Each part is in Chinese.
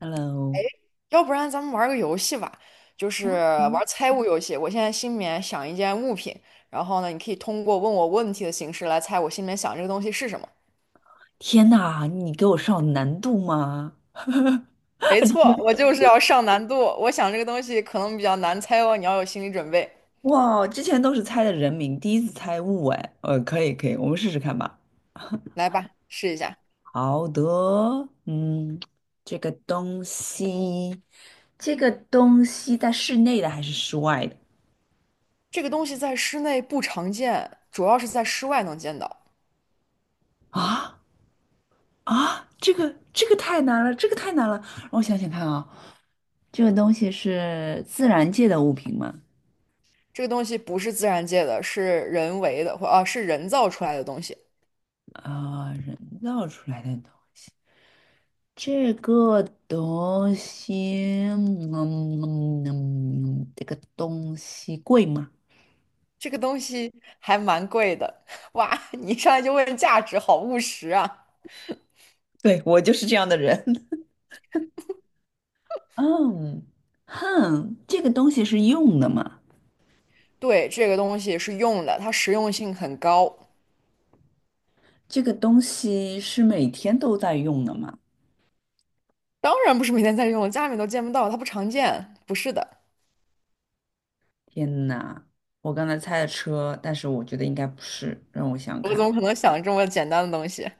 Hello，要不然咱们玩儿个游戏吧，就是玩儿猜物游戏。我现在心里面想一件物品，然后呢，你可以通过问我问题的形式来猜我心里面想这个东西是什么。天呐，你给我上难度吗？没错，我就是要上难度。我想这个东西可能比较难猜哦，你要有心理准备。哇，之前都是猜的人名，第一次猜物哎，可以可以，我们试试看吧。来吧，试一下。好的，嗯，这个东西，这个东西在室内的还是室外的？这个东西在室内不常见，主要是在室外能见到。啊啊，这个太难了，这个太难了，让我想想看啊，这个东西是自然界的物品吗？这个东西不是自然界的，是人为的，或是人造出来的东西。啊、人造出来的东这个东西，这个东西贵吗？这个东西还蛮贵的。哇！你一上来就问价值，好务实啊。对，我就是这样的人。嗯，哼，这个东西是用的吗？对，这个东西是用的，它实用性很高，这个东西是每天都在用的吗？当然不是每天在用，家里面都见不到，它不常见。不是的，天哪，我刚才猜的车，但是我觉得应该不是，让我想想我怎看。么可能想这么简单的东西？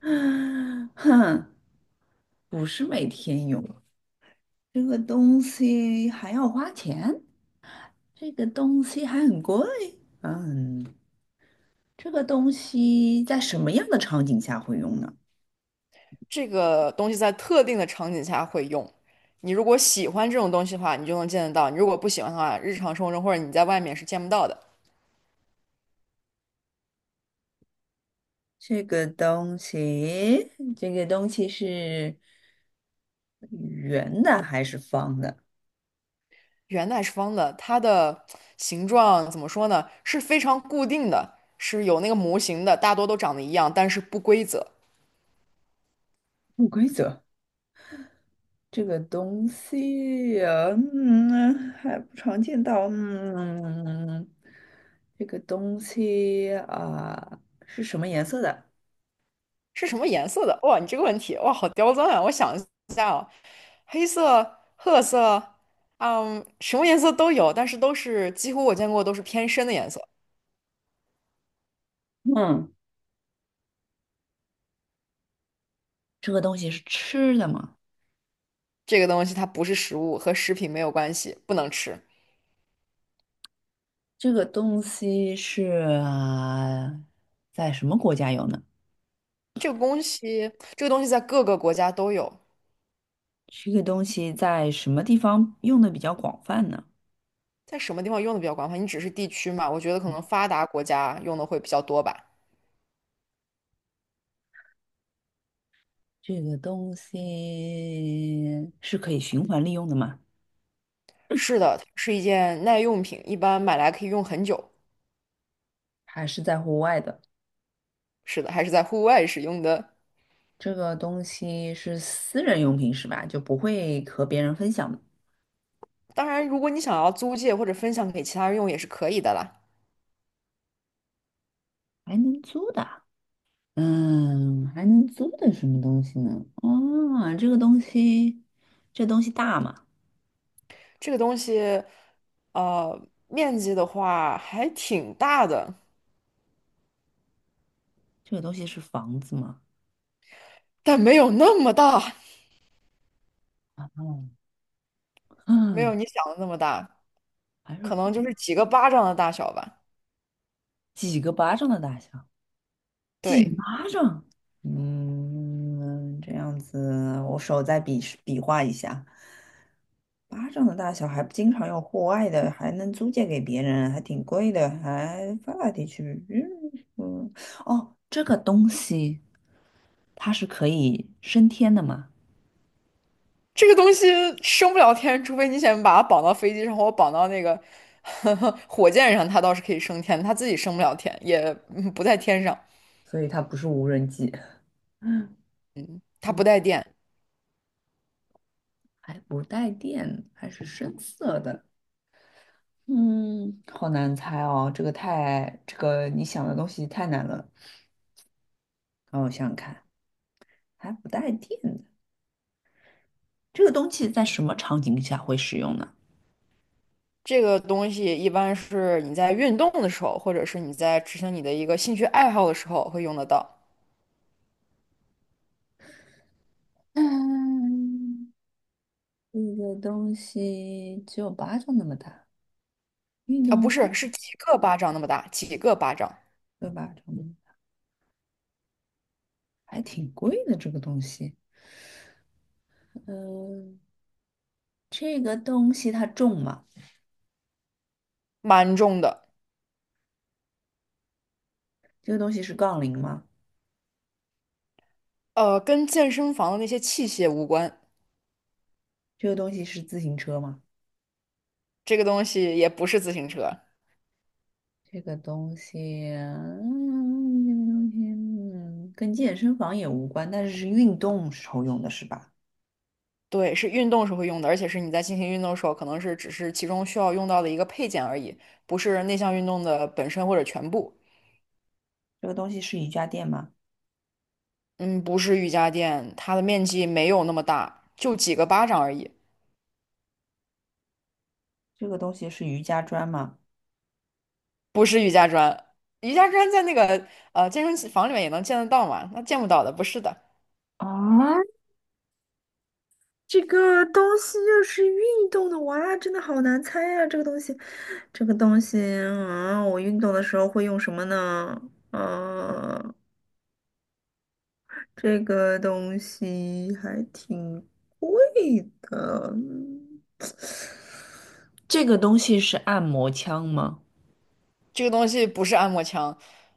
哼，不是每天用，这个东西还要花钱，这个东西还很贵。嗯。这个东西在什么样的场景下会用呢？这个东西在特定的场景下会用。你如果喜欢这种东西的话，你就能见得到；你如果不喜欢的话，日常生活中或者你在外面是见不到的。这个东西，这个东西是圆的还是方的？圆的还是方的，它的形状怎么说呢？是非常固定的，是有那个模型的，大多都长得一样，但是不规则。不规则。这个东西呀，嗯，还不常见到。嗯，这个东西啊，是什么颜色的？是什么颜色的？哇，你这个问题，哇，好刁钻啊！我想一下黑色、褐色，嗯，什么颜色都有，但是都是几乎我见过都是偏深的颜色。嗯，这个东西是吃的吗？这个东西它不是食物，和食品没有关系，不能吃。这个东西啊在什么国家有呢？这个东西在各个国家都有。这个东西在什么地方用的比较广泛呢？在什么地方用的比较广泛？你只是地区嘛，我觉得可能发达国家用的会比较多吧。这个东西是可以循环利用的吗？是的，它是一件耐用品，一般买来可以用很久。还是在户外的？是的，还是在户外使用的。这个东西是私人用品是吧？就不会和别人分享的，当然，如果你想要租借或者分享给其他人用也是可以的啦。还能租的啊，嗯，还能租的什么东西呢？哦，这个东西，这东西大吗？这个东西，呃，面积的话还挺大的，这个东西是房子吗？但没有那么大，哦，没有嗯，你想的那么大，还可能就是是几个巴掌的大小吧。几个巴掌的大小？几对，巴掌？嗯，这样子，我手再比划一下。巴掌的大小还不经常用户外的，还能租借给别人，还挺贵的，还发达地区。嗯，哦，这个东西它是可以升天的嘛？这个东西升不了天，除非你想把它绑到飞机上，或绑到那个 火箭上，它倒是可以升天，它自己升不了天，也不在天上。所以它不是无人机。嗯，它不带电。还不带电，还是深色的。嗯，好难猜哦，这个太，这个你想的东西太难了。让我想想看，还不带电的。这个东西在什么场景下会使用呢？这个东西一般是你在运动的时候，或者是你在执行你的一个兴趣爱好的时候会用得到。嗯，这个东西只有巴掌那么大，运啊，不动是，是几个巴掌那么大，几个巴掌，对吧？还挺贵的这个东西。嗯，这个东西它重吗？蛮重的。这个东西是杠铃吗？呃，跟健身房的那些器械无关，这个东西是自行车吗？这个东西也不是自行车。这个东西，嗯，跟健身房也无关，但是是运动时候用的是吧？对，是运动时候会用的，而且是你在进行运动的时候，可能是只是其中需要用到的一个配件而已，不是那项运动的本身或者全部。这个东西是瑜伽垫吗？嗯，不是瑜伽垫，它的面积没有那么大，就几个巴掌而已。这个东西是瑜伽砖吗？不是瑜伽砖，瑜伽砖在那个健身房里面也能见得到嘛？那见不到的，不是的，啊，这个东西又是运动的，哇，真的好难猜呀、这个东西，这个东西啊，我运动的时候会用什么呢？啊，这个东西还挺贵的。嗯，这个东西是按摩枪吗？这个东西不是按摩枪，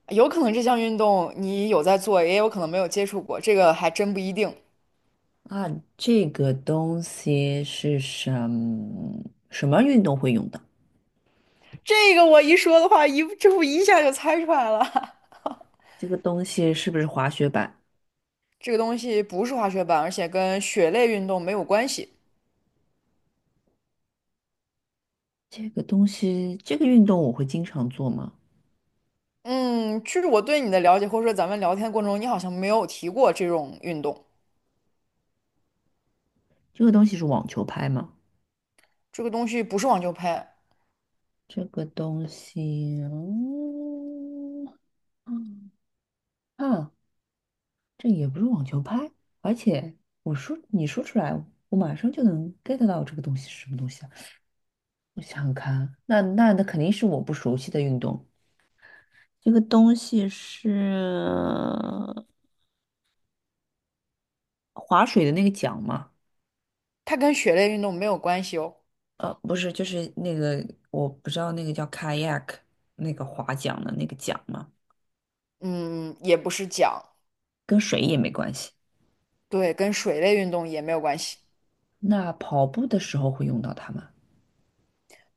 有可能这项运动你有在做，也有可能没有接触过，这个还真不一定。啊，这个东西是什么运动会用的？这个我一说的话，一这不一下就猜出来了。这个东西是不是滑雪板？这个东西不是滑雪板，而且跟雪类运动没有关系。这个东西，这个运动我会经常做吗？嗯，就是我对你的了解，或者说咱们聊天的过程中，你好像没有提过这种运动。这个东西是网球拍吗？这个东西不是网球拍，这个东西，嗯，嗯啊，这也不是网球拍，而且我说你说出来，我马上就能 get 到这个东西是什么东西啊？我想想看啊，那肯定是我不熟悉的运动。这个东西是划水的那个桨吗？它跟雪类运动没有关系哦。不是，就是那个我不知道那个叫 kayak 那个划桨的那个桨吗？嗯，也不是桨，跟水也没关系。对，跟水类运动也没有关系。那跑步的时候会用到它吗？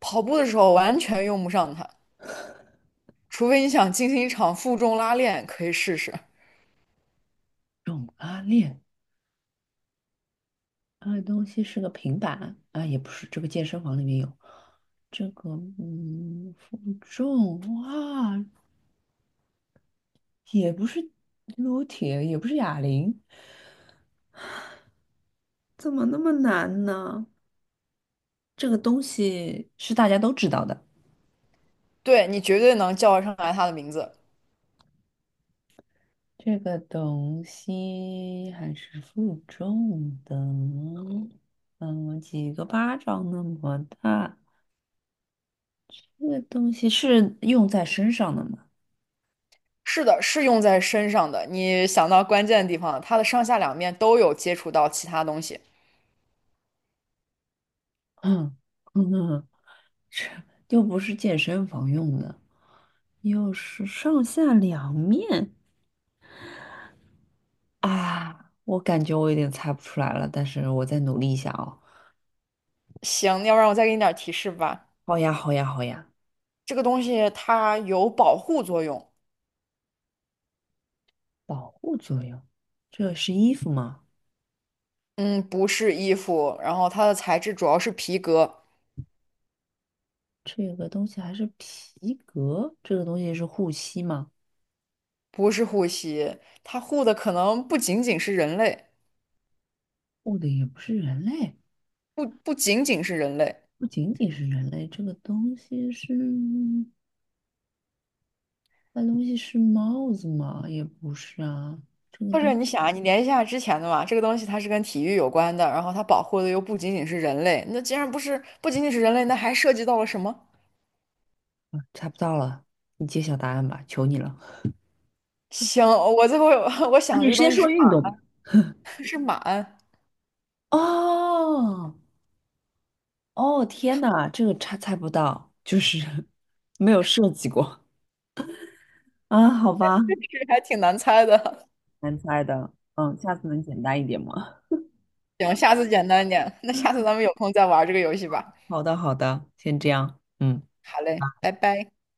跑步的时候完全用不上它，除非你想进行一场负重拉练，可以试试。用拉链。那个东西是个平板啊，也不是，这个健身房里面有这个，嗯，负重哇，也不是撸铁，也不是哑铃，怎么那么难呢？这个东西是大家都知道的，对，你绝对能叫得上来它的名字。这个东西还是负重的，嗯，几个巴掌那么大，这个东西是用在身上的吗？是的，是用在身上的。你想到关键的地方了，它的上下两面都有接触到其他东西。嗯嗯，又不是健身房用的。又是上下两面啊！我感觉我有点猜不出来了，但是我再努力一下哦。行，要不然我再给你点儿提示吧。好呀，好呀，好呀！这个东西它有保护作用。保护作用，这是衣服吗？嗯，不是衣服，然后它的材质主要是皮革，这个东西还是皮革？这个东西是护膝吗？不是护膝，它护的可能不仅仅是人类。护的也不是人类，不仅仅是人类，不仅仅是人类，这个东西是……那东西是帽子吗？也不是啊，或者你想啊，你联系一下之前的嘛，这个东西它是跟体育有关的，然后它保护的又不仅仅是人类，那既然不是不仅仅是人类，那还涉及到了什么？啊猜不到了，你揭晓答案吧，求你了。行，我最后 我啊，想这你个先东西是说运动吧。是马鞍，哦，哦，天呐，这个猜猜不到，就是 没有设计过 啊，好吧，这还挺难猜的。难猜的，嗯，下次能简单一点吗？行，下次简单点，那下次咱们有空再玩这个游戏吧。好的，好的，先这样，嗯。好嘞，拜拜。